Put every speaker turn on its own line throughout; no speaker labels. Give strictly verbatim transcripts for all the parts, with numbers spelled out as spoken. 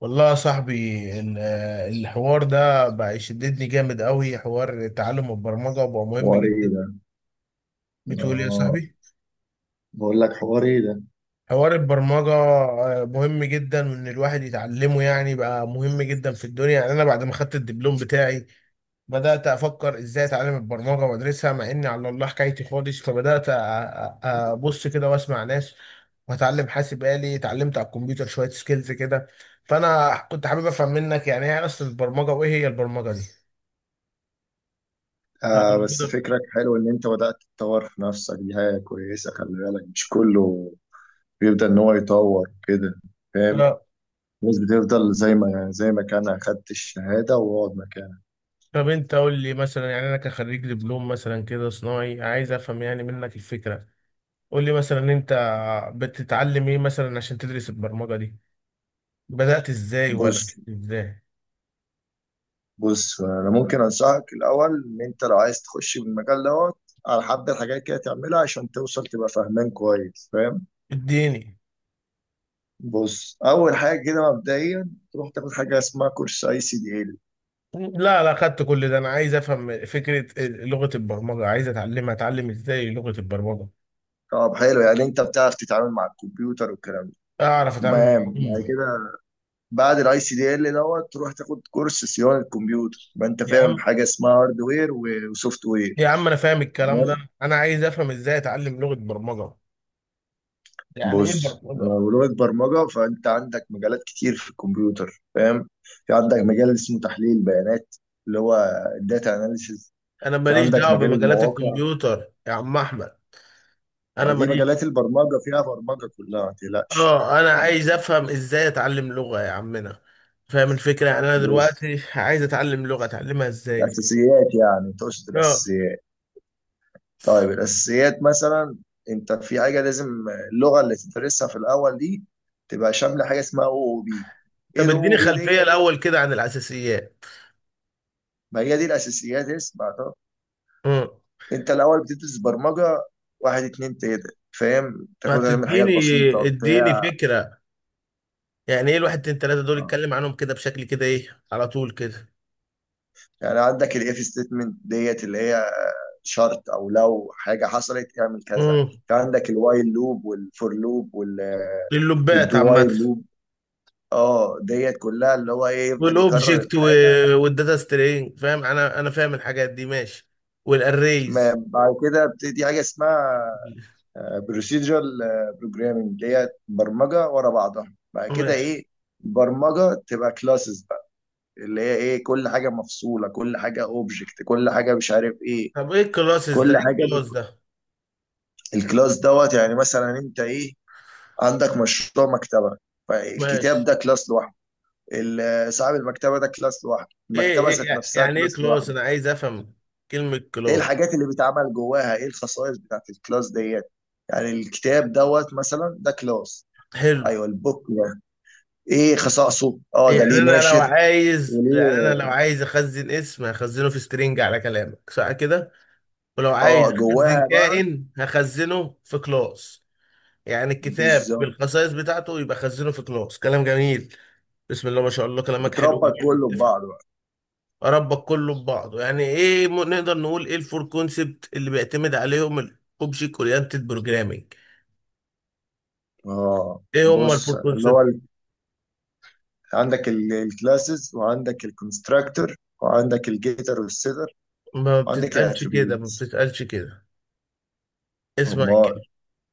والله يا صاحبي، ال- الحوار ده بقى يشددني جامد قوي. حوار تعلم البرمجة بقى مهم
حواري ايه
جدا.
ده؟
بتقول إيه يا
اه،
صاحبي؟
بقول لك حواري ايه ده.
حوار البرمجة آه، مهم جدا، وان الواحد يتعلمه يعني بقى مهم جدا في الدنيا. يعني انا بعد ما خدت الدبلوم بتاعي بدأت افكر ازاي اتعلم البرمجة وادرسها، مع اني على الله حكايتي خالص. فبدأت أ- أ- ابص كده واسمع ناس، واتعلم حاسب آلي. اتعلمت على الكمبيوتر شوية سكيلز كده. فانا كنت حابب افهم منك يعني ايه اصل البرمجة، وايه هي البرمجة دي.
آه بس
هنقدر.
فكرك حلو ان انت بدأت تطور في نفسك، دي حاجة كويسة. خلي بالك مش كله بيبدأ ان هو يطور كده، فاهم.
آه.
الناس بتفضل زي ما زي ما كان اخدت الشهادة واقعد مكانك.
طب انت قول لي مثلا، يعني انا كخريج دبلوم مثلا كده صناعي، عايز افهم يعني منك الفكره. قول لي مثلا انت بتتعلم ايه مثلا عشان تدرس البرمجه دي؟ بدات ازاي ولا
بص
مش ازاي؟
بص، انا ممكن انصحك الاول، ان انت لو عايز تخش بالمجال دوت، على حبة حاجات كده تعملها عشان توصل تبقى فاهمان كويس، فاهم.
اديني.
بص، اول حاجة كده مبدئيا تروح تاخد حاجة اسمها كورس اي سي دي.
لا لا، خدت كل ده. انا عايز افهم فكره لغه البرمجه، عايز اتعلمها. اتعلم ازاي لغه البرمجه؟
طب حلو. يعني انت بتعرف تتعامل مع الكمبيوتر والكلام ده.
اعرف اتعامل مع
تمام. بعد
العملاء.
كده، بعد الاي سي دي ال دوت تروح تاخد كورس صيانه كمبيوتر، يبقى انت
يا
فاهم
عم،
حاجه اسمها هاردوير وسوفت وير.
يا عم انا فاهم الكلام ده،
تمام.
انا عايز افهم ازاي اتعلم لغه برمجه. يعني ايه
بص
برمجه؟
لو لغه برمجه، فانت عندك مجالات كتير في الكمبيوتر، فاهم. في عندك مجال اسمه تحليل بيانات، اللي هو الداتا اناليسيز.
انا
في
ماليش
عندك
دعوه
مجال
بمجالات
المواقع.
الكمبيوتر يا عم احمد.
ما
انا
دي
ماليش.
مجالات البرمجه، فيها برمجه كلها، ما تقلقش.
اه انا عايز افهم ازاي اتعلم لغه يا عمنا. فاهم الفكره؟ يعني انا
بص،
دلوقتي عايز اتعلم لغه، اتعلمها ازاي؟
الاساسيات. يعني تقصد
اه.
الاساسيات؟ طيب الأساسيات مثلا، أنت في حاجة لازم، اللغة اللي تدرسها في الأول دي تبقى شاملة حاجة اسمها أو أو بي. إيه
طب
الأو
اديني
أو بي
خلفيه
دي؟
الاول كده عن الاساسيات.
ما هي دي الأساسيات. اسمع طب،
امم
أنت الأول بتدرس برمجة واحد اتنين تلاتة، فاهم، تاخدها من حاجات
هتديني.
بسيطة
اديني
بتاع.
فكره. يعني ايه الواحد اتنين تلاته دول؟
آه.
اتكلم عنهم كده بشكل كده ايه على طول كده.
يعني عندك الإف ستيتمنت ديت، اللي هي شرط أو لو حاجة حصلت اعمل كذا.
امم
في عندك الوايل لوب والفور لوب وال
اللبات
والدو وايل
عامه.
لوب. اه، ديت كلها اللي هو ايه، يفضل يكرر
والاوبجكت
الحاجة.
والداتا سترينج، فاهم. انا انا فاهم الحاجات دي، ماشي.
ما
والاريز.
بعد كده بتدي حاجه اسمها بروسيدرال بروجرامنج، اللي هي برمجه ورا بعضها. بعد كده
ماشي.
ايه، برمجه تبقى كلاسز بقى، اللي هي ايه، كل حاجه مفصوله، كل حاجه اوبجكت، كل حاجه مش عارف ايه.
طب ايه الكلاسز ده؟
كل
ايه
حاجه
الكلاس
بت-
ده؟
الكلاس دوت، يعني مثلا انت ايه، عندك مشروع مكتبه، فالكتاب
ماشي.
ده كلاس لوحده، ال- صاحب المكتبه ده كلاس لوحده،
ايه
المكتبه
ايه
ذات
يع-
نفسها
يعني ايه
كلاس
كلاس؟
لوحده.
انا عايز افهم كلمة
ايه
كلاس.
الحاجات اللي بيتعمل جواها، ايه الخصائص بتاعت الكلاس ديت، يعني الكتاب دوت مثلا ده كلاس.
حلو.
ايوه البوك ده ايه خصائصه، اه ده
يعني
ليه
انا لو
ناشر
عايز، يعني
وليه.
انا لو عايز اخزن اسم هخزنه في سترينج على كلامك، صح كده؟ ولو عايز
اه،
اخزن
جواها بقى.
كائن هخزنه في كلاس. يعني الكتاب
بالظبط.
بالخصائص بتاعته يبقى خزنه في كلاس. كلام جميل. بسم الله ما شاء الله، كلامك حلو
وتربط
جميل.
كله في بعضه بقى.
اربط كله ببعضه. يعني ايه م- نقدر نقول ايه الفور كونسبت اللي بيعتمد عليهم الاوبجكت اورينتد بروجرامنج؟
اه
ايه هما
بص
الفور
اللي هو
كونسبت؟
ال- عندك الكلاسز، وعندك الكونستراكتور، وعندك الجيتر والسيتر،
ما
وعندك
بتتقالش كده، ما
الاتريبيوتس.
بتتقالش كده. اسمع
امال.
كده.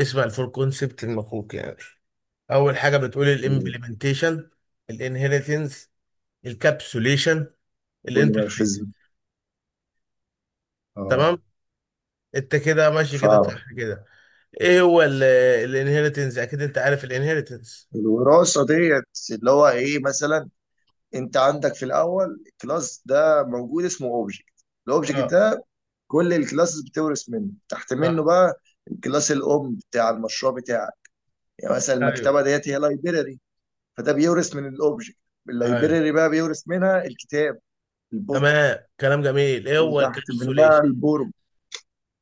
اسمع، الفور كونسبت المفروض يعني اول حاجه بتقول الامبلمنتيشن، الانهيرتنس، الكابسوليشن،
كل
الانترفيس.
مورفيزم. اه،
تمام. انت كده ماشي كده،
فاهم.
صح كده؟ ايه هو الانهيرتنس؟ اكيد انت عارف الانهيرتنس.
الوراثه ديت، اللي هو ايه مثلا، انت عندك في الاول كلاس ده موجود اسمه اوبجكت. الاوبجكت
اه.
ده كل الكلاسز بتورث منه، تحت منه
صح.
بقى. الكلاس الام بتاع المشروع بتاعك، يعني مثلا
ايوه.
المكتبه ديت هي لايبراري، فده بيورث من الاوبجكت.
ايوه.
اللايبراري بقى بيورث منها الكتاب، البوك.
تمام، كلام جميل. ايه هو
وتحت منها
الكابسوليشن؟
البورم.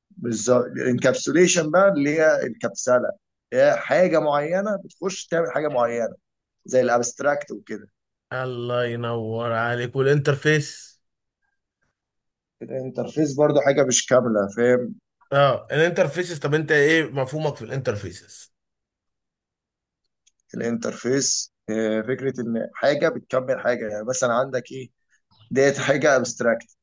بالظبط. الانكابسوليشن بقى، اللي هي الكبسله، هي حاجه معينه بتخش تعمل حاجه معينه، زي الابستراكت وكده.
الله ينور عليك. والانترفيس؟
الانترفيس برضو حاجه مش كامله، فاهم.
اه الانترفيسز. طب انت ايه مفهومك في الانترفيسز؟
الانترفيس آه، فكره ان حاجه بتكمل حاجه. يعني مثلا عندك ايه، ديت حاجه ابستراكت،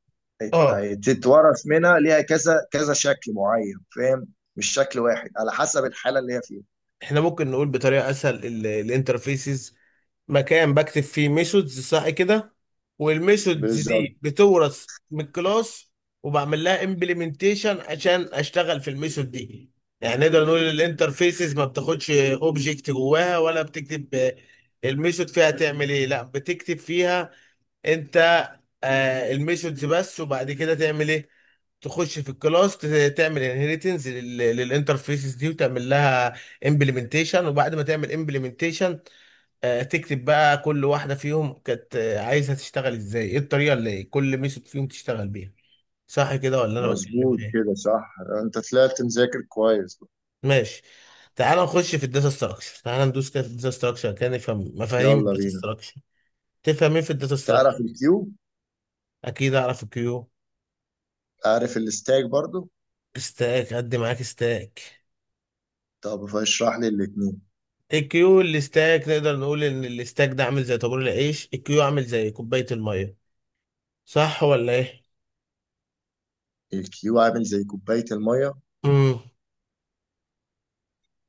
اه،
تتورث منها، ليها كذا كذا شكل معين، فاهم، مش شكل واحد، على حسب الحاله اللي هي فيها.
احنا ممكن نقول بطريقه اسهل، الانترفيسز مكان بكتب فيه ميثودز، صح كده؟ والميثودز
بالظبط.
دي بتورث من الكلاس، وبعمل لها امبلمنتيشن عشان اشتغل في الميثود دي. يعني نقدر نقول الانترفيسز ما بتاخدش اوبجكت جواها، ولا بتكتب الميثود فيها تعمل ايه، لا بتكتب فيها انت آه الميثودز بس. وبعد كده تعمل ايه؟ تخش في الكلاس ت- تعمل انهيرتنس للانترفيسز دي، وتعمل لها امبلمنتيشن. وبعد ما تعمل امبلمنتيشن، تكتب بقى كل واحده فيهم كانت آه، عايزها تشتغل ازاي، ايه الطريقه اللي إيه، كل ميثود فيهم تشتغل بيها. صح كده؟ ولا انا بتكلم
مظبوط
في ايه؟
كده، صح. انت طلعت مذاكر كويس.
ماشي. تعال نخش في الداتا ستراكشر، تعال ندوس كده في الداتا ستراكشر كده، نفهم مفاهيم
يلا
الداتا
بينا.
ستراكشر. تفهم ايه في الداتا
تعرف
ستراكشر؟
الكيو.
اكيد اعرف الكيو.
عارف الستاك برضو.
ستاك؟ قد معاك ستاك.
طب فاشرح لي الاتنين.
الكيو، الستاك. نقدر نقول ان الستاك ده عامل زي طابور العيش، الكيو عامل زي كوبايه الميه. صح ولا ايه؟
الكيو عامل زي كوبايه الميه.
امم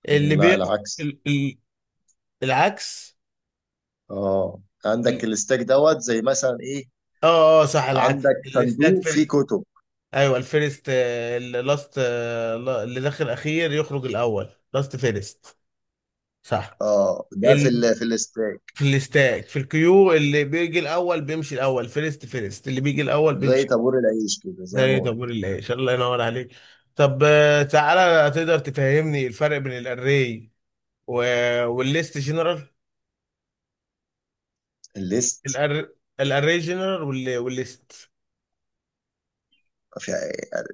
اللي
لا
بياخد
العكس.
ال- ال- العكس.
اه عندك
ال-
الستاك دوت، زي مثلا ايه،
اه اه صح، العكس
عندك
الاستاد
صندوق فيه
فيرست.
كتب.
ايوه الفيرست آه، اللي لاست آه، لا- اللي داخل اخير يخرج الاول، لاست فيرست. صح.
اه ده في
ال...
ال... في الاستاك.
في الاستاد. في الكيو اللي بيجي الاول بيمشي الاول، فيرست فيرست، اللي بيجي الاول
زي
بيمشي.
طابور العيش كده، زي ما
زي طابور
قلت.
العيش. الله ينور عليك. طب آه، تعالى تقدر تفهمني الفرق بين الاري و... والليست جنرال.
الليست،
الأر... الاري جنرال وال... والليست.
في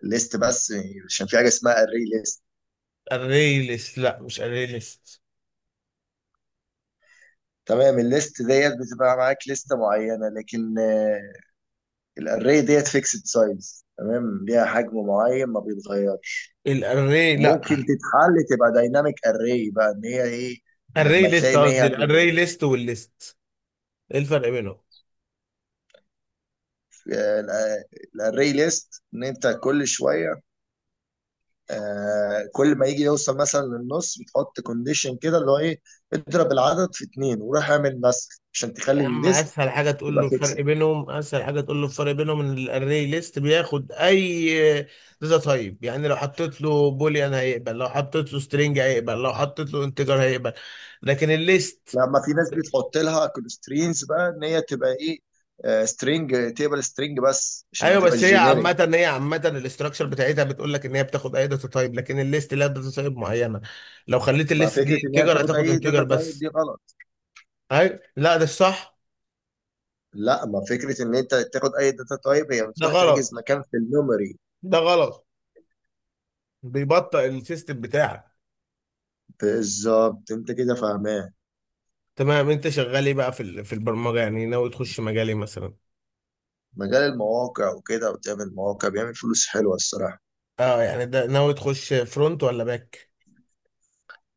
ليست بس، عشان في حاجه اسمها الري ليست.
الاري ليست؟ لا مش اري ليست.
تمام. الليست ديت بتبقى معاك لسته معينه، لكن آه، الاري ديت فيكسد سايز، تمام، ليها حجم معين ما بيتغيرش.
الاري، لا.
وممكن تتحل تبقى دايناميك اري بقى، ان هي ايه،
الاري
لما
ليست
تلاقي ان هي.
قصدي، الاري ليست والليست، ايه الفرق بينهم؟
الاري ليست ان انت كل شويه، آه، كل ما يجي يوصل مثلا للنص بتحط كونديشن كده اللي هو ايه، اضرب العدد في اتنين وروح اعمل مسح عشان
يا
تخلي
عم
الليست
اسهل حاجه تقول
تبقى
له الفرق
فيكسد.
بينهم، اسهل حاجه تقول له الفرق بينهم ان الاري ليست بياخد اي داتا تايب. يعني لو حطيت له بوليان هيقبل، لو حطيت له سترينج هيقبل، لو حطيت له انتجر هيقبل. لكن الليست،
لما في ناس بتحط لها كونسترينز بقى، ان هي تبقى ايه، سترينج تيبل سترينج بس عشان ما
ايوه
تبقاش
بس هي
جينيريك.
عامه، هي عامه الاستراكشر بتاعتها بتقول لك ان هي بتاخد اي داتا تايب، لكن الليست لها داتا تايب معينه. لو خليت
ما
الليست
فكره
دي
ان هي
انتجر
بتاخد
هتاخد
اي
انتجر
داتا تايب
بس.
دي غلط.
ايوه، لا ده الصح.
لا، ما فكره ان انت تاخد اي داتا تايب، هي
ده
بتروح تحجز
غلط،
مكان في الميموري.
ده غلط، بيبطئ السيستم بتاعك.
بالظبط. انت كده فاهمان.
تمام. انت شغال ايه بقى في ال- في البرمجه؟ يعني ناوي تخش مجال ايه مثلا؟
مجال المواقع وكده، وتعمل مواقع، بيعمل فلوس حلوه الصراحه.
اه. يعني ده ناوي تخش فرونت ولا باك؟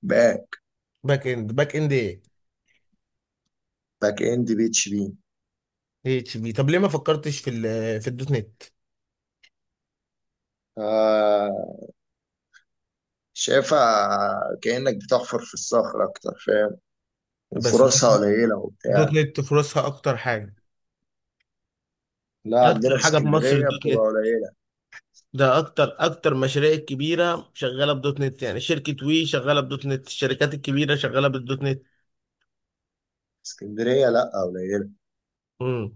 بقى
باك اند، باك اند ايه؟
باك اند بي اتش بي.
اتش بي. طب ليه ما فكرتش في ال، في الدوت نت؟
آه، شايفها كأنك بتحفر في الصخر أكتر، فاهم،
بس
وفرصها قليلة
الدوت
وبتاع.
نت فرصها اكتر حاجه،
لا عندنا
اكتر
في
حاجه في مصر
اسكندرية
الدوت
بتبقى
نت
قليلة.
ده. اكتر اكتر مشاريع كبيره شغاله بدوت نت، يعني شركه وي شغاله بدوت نت، الشركات الكبيره شغاله بالدوت
اسكندرية لا قليلة.
نت.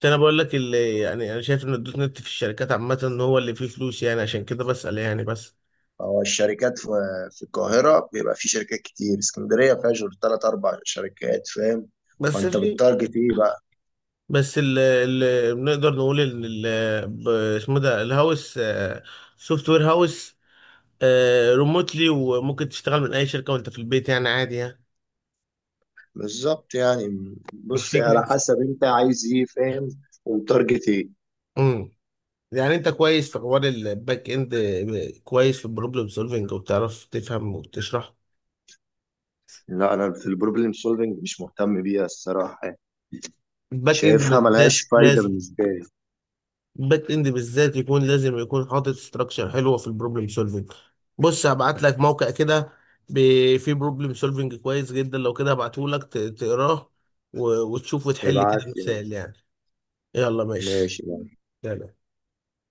عشان انا بقول لك اللي، يعني انا شايف ان الدوت نت في الشركات عامه ان هو اللي فيه فلوس، يعني عشان كده بسأل يعني. بس،
هو الشركات في, في القاهرة بيبقى في شركات كتير، اسكندرية فيها غير تلات أربع شركات، فاهم.
بس
فأنت
في،
بتتارجت إيه بقى؟
بس اللي بنقدر نقول ان ال- ب- اسمه ده الهاوس، سوفت وير هاوس. ريموتلي، وممكن تشتغل من اي شركه وانت في البيت، يعني عادي يعني.
بالظبط. يعني
مش
بص،
فكره.
على حسب أنت عايز إيه، فاهم، وتارجت إيه.
امم، يعني انت كويس في حوار الباك اند، كويس في البروبلم سولفنج، وبتعرف تفهم وتشرح.
لا أنا في البروبلم سولفنج مش مهتم بيها الصراحة،
الباك اند
شايفها ملهاش
بالذات
فايدة
لازم،
بالنسبة لي.
باك اند بالذات يكون لازم يكون حاطط ستراكشر حلوه في البروبلم سولفنج. بص هبعت لك موقع كده، ب- فيه بروبلم سولفنج كويس جدا. لو كده هبعته لك تقراه، و- وتشوف وتحل كده
ابعت لي.
مسائل يعني. يلا ماشي.
ماشي ماشي.
يلا.